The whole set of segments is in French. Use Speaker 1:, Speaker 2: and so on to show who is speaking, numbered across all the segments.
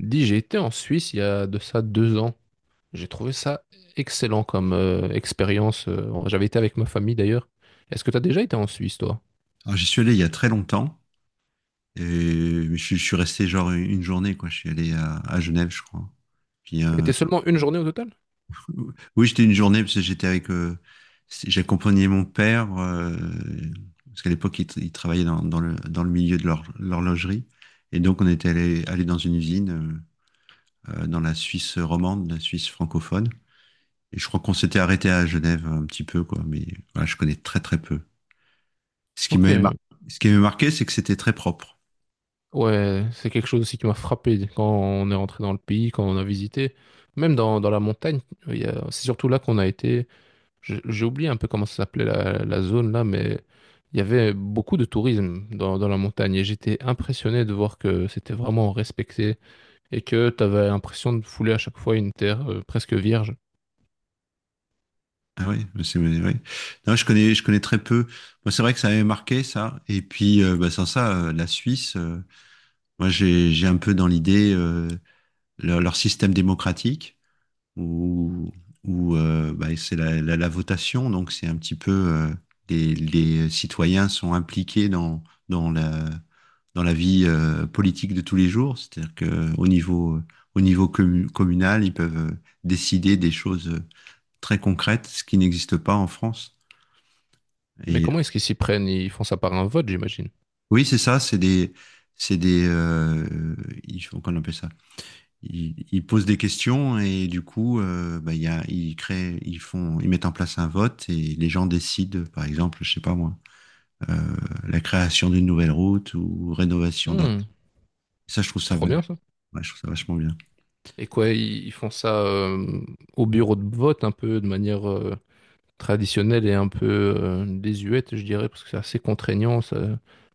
Speaker 1: Dis, j'ai été en Suisse il y a de ça 2 ans. J'ai trouvé ça excellent comme expérience. J'avais été avec ma famille d'ailleurs. Est-ce que t'as déjà été en Suisse, toi?
Speaker 2: Alors, j'y suis allé il y a très longtemps. Et mais je suis resté genre une journée, quoi. Je suis allé à Genève, je crois. Puis,
Speaker 1: T'as été seulement une journée au total?
Speaker 2: oui, j'étais une journée parce que j'étais avec. J'accompagnais mon père, parce qu'à l'époque, il travaillait dans le milieu de l'horlogerie. Et donc, on était allé dans une usine dans la Suisse romande, la Suisse francophone. Et je crois qu'on s'était arrêté à Genève un petit peu, quoi. Mais voilà, je connais très, très peu. Ce qui
Speaker 1: Ok.
Speaker 2: m'avait mar- ce qui m'avait marqué, c'est que c'était très propre.
Speaker 1: Ouais, c'est quelque chose aussi qui m'a frappé quand on est rentré dans le pays, quand on a visité. Même dans la montagne, c'est surtout là qu'on a été. J'ai oublié un peu comment ça s'appelait la zone là, mais il y avait beaucoup de tourisme dans la montagne et j'étais impressionné de voir que c'était vraiment respecté. Et que tu avais l'impression de fouler à chaque fois une terre presque vierge.
Speaker 2: Ah oui, mais c'est, oui. Oui. Non, je connais très peu. Moi, c'est vrai que ça m'avait marqué, ça. Et puis, bah, sans ça, la Suisse, moi, j'ai un peu dans l'idée leur système démocratique. où, où bah, c'est la votation, donc c'est un petit peu les citoyens sont impliqués dans la, dans la vie politique de tous les jours, c'est-à-dire qu'au niveau communal, ils peuvent décider des choses très concrètes, ce qui n'existe pas en France.
Speaker 1: Mais
Speaker 2: Et
Speaker 1: comment est-ce qu'ils s'y prennent? Ils font ça par un vote, j'imagine.
Speaker 2: oui, c'est ça, c'est des, ils font- qu'on appelle ça ils posent des questions et du coup, bah, il y a, ils créent, ils font, ils mettent en place un vote et les gens décident, par exemple, je sais pas moi, euh, la création d'une nouvelle route ou rénovation d'un.
Speaker 1: Hmm,
Speaker 2: Ça, je trouve
Speaker 1: c'est
Speaker 2: ça,
Speaker 1: trop
Speaker 2: vrai-
Speaker 1: bien ça.
Speaker 2: Ouais, je trouve ça vachement bien.
Speaker 1: Et quoi, ils font ça au bureau de vote un peu de manière traditionnelle et un peu désuète, je dirais, parce que c'est assez contraignant. Ça,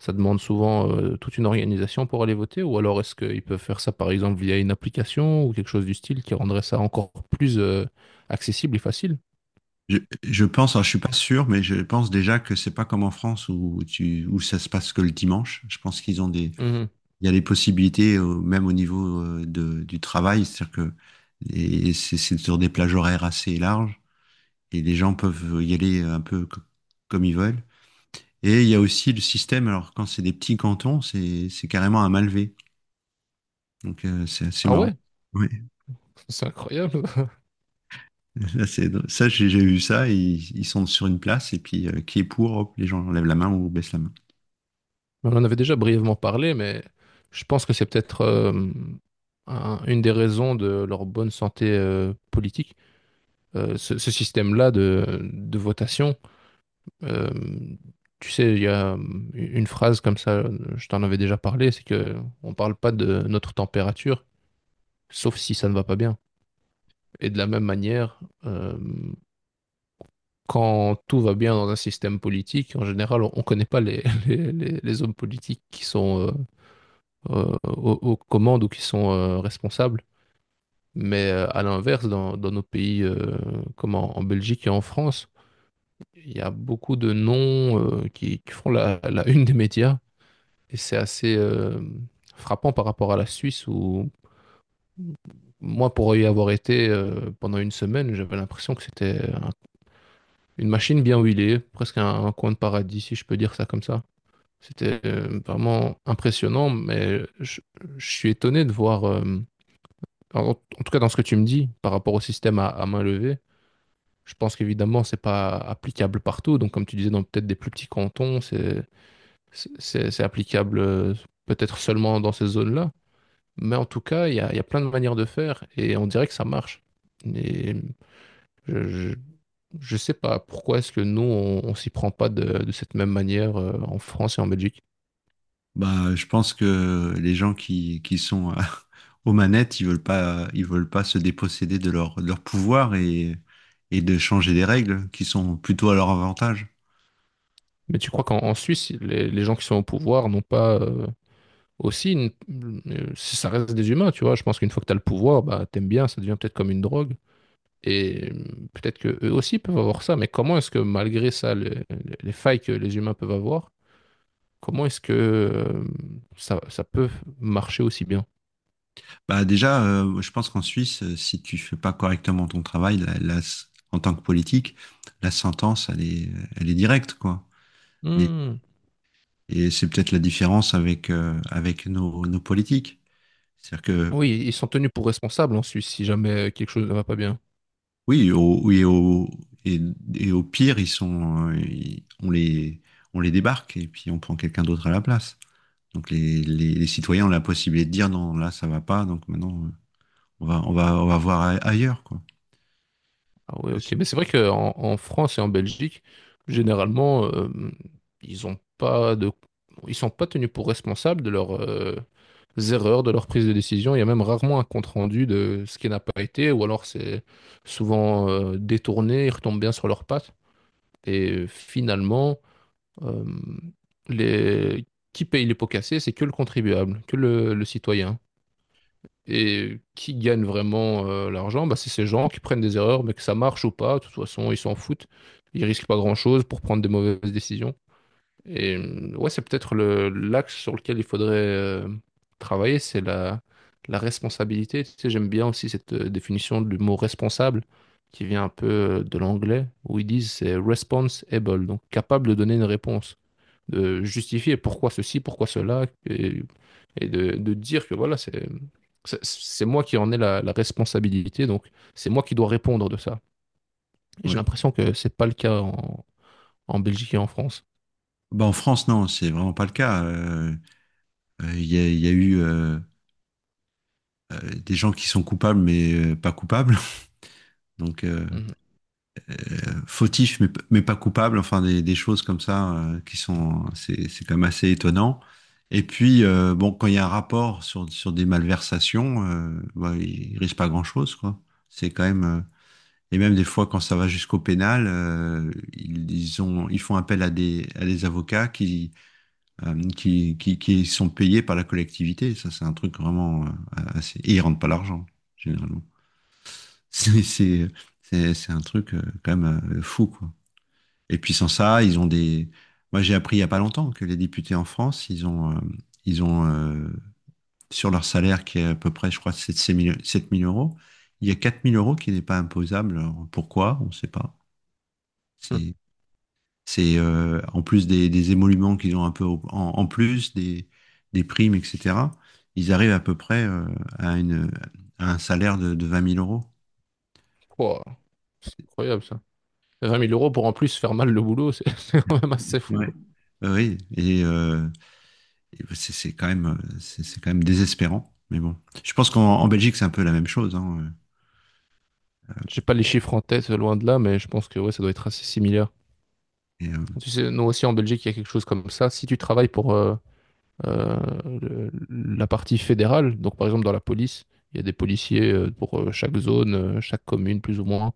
Speaker 1: ça demande souvent toute une organisation pour aller voter. Ou alors est-ce qu'ils peuvent faire ça par exemple via une application ou quelque chose du style qui rendrait ça encore plus accessible et facile?
Speaker 2: Je pense, alors, je suis pas sûr, mais je pense déjà que c'est pas comme en France où ça se passe que le dimanche. Je pense qu'ils ont des,
Speaker 1: Mhm.
Speaker 2: il y a des possibilités même au niveau du travail, c'est-à-dire que et c'est sur des plages horaires assez larges. Et les gens peuvent y aller un peu comme ils veulent. Et il y a aussi le système, alors quand c'est des petits cantons, c'est carrément un malvé. Donc c'est assez
Speaker 1: Ah
Speaker 2: marrant.
Speaker 1: ouais,
Speaker 2: Ouais.
Speaker 1: c'est incroyable.
Speaker 2: Là, c'est drôle. Ça, j'ai vu ça, ils sont sur une place et puis qui est pour, hop, les gens lèvent la main ou baissent la main.
Speaker 1: On en avait déjà brièvement parlé, mais je pense que c'est peut-être une des raisons de leur bonne santé politique. Ce système-là de votation, euh, tu sais, il y a une phrase comme ça, je t'en avais déjà parlé, c'est que on parle pas de notre température, sauf si ça ne va pas bien. Et de la même manière, quand tout va bien dans un système politique, en général, on ne connaît pas les hommes politiques qui sont aux commandes ou qui sont responsables. Mais à l'inverse, dans nos pays comme en Belgique et en France, il y a beaucoup de noms qui font la une des médias. Et c'est assez frappant par rapport à la Suisse où moi, pour y avoir été pendant une semaine, j'avais l'impression que c'était une machine bien huilée, presque un coin de paradis, si je peux dire ça comme ça. C'était vraiment impressionnant, mais je suis étonné de voir en tout cas dans ce que tu me dis par rapport au système à main levée, je pense qu'évidemment c'est pas applicable partout. Donc comme tu disais dans peut-être des plus petits cantons, c'est applicable peut-être seulement dans ces zones-là. Mais en tout cas, il y a plein de manières de faire et on dirait que ça marche. Et je, je, je sais pas pourquoi est-ce que nous on s'y prend pas de cette même manière en France et en Belgique.
Speaker 2: Bah, je pense que les gens qui sont aux manettes, ils veulent pas se déposséder de leur pouvoir et de changer des règles qui sont plutôt à leur avantage.
Speaker 1: Mais tu crois qu'en en Suisse, les gens qui sont au pouvoir n'ont pas aussi, ça reste des humains, tu vois. Je pense qu'une fois que tu as le pouvoir, bah, t'aimes bien, ça devient peut-être comme une drogue. Et peut-être que eux aussi peuvent avoir ça, mais comment est-ce que malgré ça, les failles que les humains peuvent avoir, comment est-ce que ça, ça peut marcher aussi bien?
Speaker 2: Bah déjà, je pense qu'en Suisse, si tu fais pas correctement ton travail, en tant que politique, la sentence, elle est directe, quoi. Et,
Speaker 1: Hmm.
Speaker 2: et c'est peut-être la différence avec avec nos politiques. C'est-à-dire que
Speaker 1: Oui, ils sont tenus pour responsables en Suisse si jamais quelque chose ne va pas bien.
Speaker 2: oui, et, et au pire, ils sont, on les débarque et puis on prend quelqu'un d'autre à la place. Donc les citoyens ont la possibilité de dire non, là ça va pas, donc maintenant on va voir ailleurs, quoi.
Speaker 1: Ah oui, ok. Mais c'est vrai qu'en en en France et en Belgique, généralement, ils ont pas de, ils sont pas tenus pour responsables de leur erreurs de leur prise de décision. Il y a même rarement un compte-rendu de ce qui n'a pas été, ou alors c'est souvent détourné, ils retombent bien sur leurs pattes. Et finalement, euh, les... qui paye les pots cassés, c'est que le contribuable, que le citoyen. Et qui gagne vraiment l'argent, bah, c'est ces gens qui prennent des erreurs, mais que ça marche ou pas, de toute façon, ils s'en foutent. Ils risquent pas grand-chose pour prendre des mauvaises décisions. Et ouais, c'est peut-être le l'axe sur lequel il faudrait travailler, c'est la responsabilité. Tu sais, j'aime bien aussi cette définition du mot responsable qui vient un peu de l'anglais, où ils disent c'est responsible, donc capable de donner une réponse, de justifier pourquoi ceci, pourquoi cela, et de dire que voilà, c'est moi qui en ai la responsabilité, donc c'est moi qui dois répondre de ça. Et j'ai l'impression que c'est pas le cas en Belgique et en France.
Speaker 2: Bah, en France, non, c'est vraiment pas le cas. Il y a eu euh, des gens qui sont coupables mais pas coupables, donc
Speaker 1: Mhm.
Speaker 2: fautifs mais pas coupables. Enfin, des choses comme ça qui sont, c'est quand même assez étonnant. Et puis, bon, quand il y a un rapport sur des malversations, bah, il risque pas grand-chose, quoi. C'est quand même et même des fois quand ça va jusqu'au pénal, ils font appel à des avocats qui sont payés par la collectivité. Ça, c'est un truc vraiment assez. Et ils ne rentrent pas l'argent, généralement. C'est, c'est, c'est un truc quand même fou, quoi. Et puis sans ça, ils ont des. Moi, j'ai appris il y a pas longtemps que les députés en France, ils ont sur leur salaire qui est à peu près, je crois, 7 000 euros, il y a 4 000 euros qui n'est pas imposable. Alors, pourquoi? On ne sait pas. C'est c'est en plus des émoluments qu'ils ont un peu en plus, des primes, etc. Ils arrivent à peu près à, une, à un salaire de 20 000 euros.
Speaker 1: Ouah, c'est incroyable ça. 20 000 euros pour en plus faire mal le boulot, c'est c'est quand même assez fou.
Speaker 2: Ouais. Oui, et bah, c'est quand même, c'est quand même désespérant. Mais bon, je pense qu'en en Belgique, c'est un peu la même chose, hein.
Speaker 1: J'ai pas les chiffres en tête, loin de là, mais je pense que ouais, ça doit être assez similaire.
Speaker 2: Et, euh,
Speaker 1: Tu sais, nous aussi en Belgique, il y a quelque chose comme ça. Si tu travailles pour euh, la partie fédérale, donc par exemple dans la police, il y a des policiers pour chaque zone, chaque commune plus ou moins.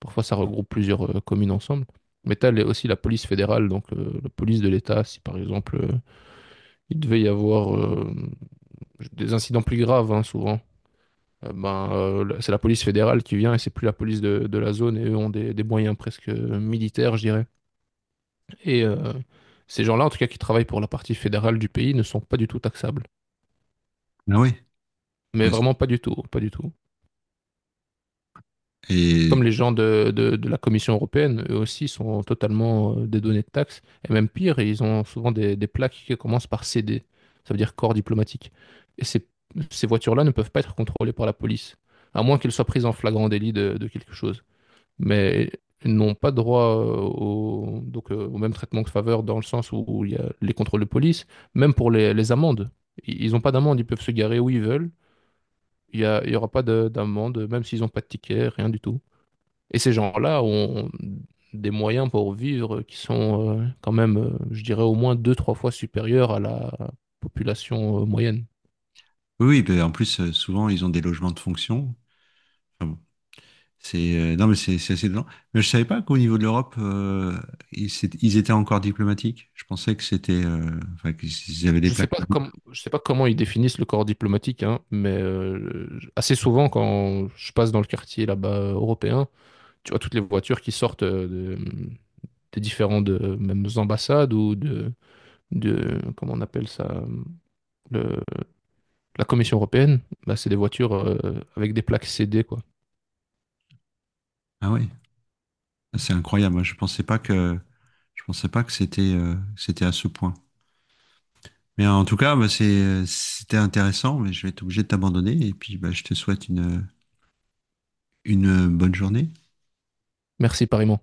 Speaker 1: Parfois, ça regroupe plusieurs communes ensemble. Mais tu as aussi la police fédérale, donc la police de l'État. Si par exemple, il devait y avoir des incidents plus graves, hein, souvent. Ben, c'est la police fédérale qui vient et c'est plus la police de la zone et eux ont des moyens presque militaires, je dirais. Et ces gens-là, en tout cas, qui travaillent pour la partie fédérale du pays, ne sont pas du tout taxables.
Speaker 2: ah oui.
Speaker 1: Mais vraiment pas du tout, pas du tout.
Speaker 2: Et
Speaker 1: Comme les gens de la Commission européenne, eux aussi sont totalement dédonnés de taxes. Et même pire, ils ont souvent des plaques qui commencent par CD. Ça veut dire corps diplomatique. Et ces voitures-là ne peuvent pas être contrôlées par la police, à moins qu'elles soient prises en flagrant délit de quelque chose. Mais n'ont pas droit au, donc, au même traitement que faveur dans le sens où, il y a les contrôles de police, même pour les amendes. Ils ont pas d'amende, ils peuvent se garer où ils veulent. Il y aura pas d'amende, même s'ils ont pas de ticket, rien du tout. Et ces gens-là ont des moyens pour vivre qui sont quand même, je dirais, au moins deux, trois fois supérieurs à la population moyenne.
Speaker 2: oui, oui, ben, en plus, souvent, ils ont des logements de fonction. Enfin bon. C'est non mais c'est assez dedans. Mais je savais pas qu'au niveau de l'Europe ils étaient encore diplomatiques. Je pensais que c'était enfin qu'ils avaient des
Speaker 1: Je sais
Speaker 2: plaques
Speaker 1: pas
Speaker 2: là-bas.
Speaker 1: comme, je sais pas comment ils définissent le corps diplomatique, hein, mais assez souvent quand je passe dans le quartier là-bas européen, tu vois toutes les voitures qui sortent des différentes mêmes ambassades ou de comment on appelle ça, le- la Commission européenne, bah, c'est des voitures avec des plaques CD quoi.
Speaker 2: Ah oui. Ah, c'est incroyable. Moi, je pensais pas que c'était à ce point. Mais en tout cas, bah, c'était intéressant, mais je vais être obligé de t'abandonner. Et puis, bah, je te souhaite une bonne journée.
Speaker 1: Merci pareillement.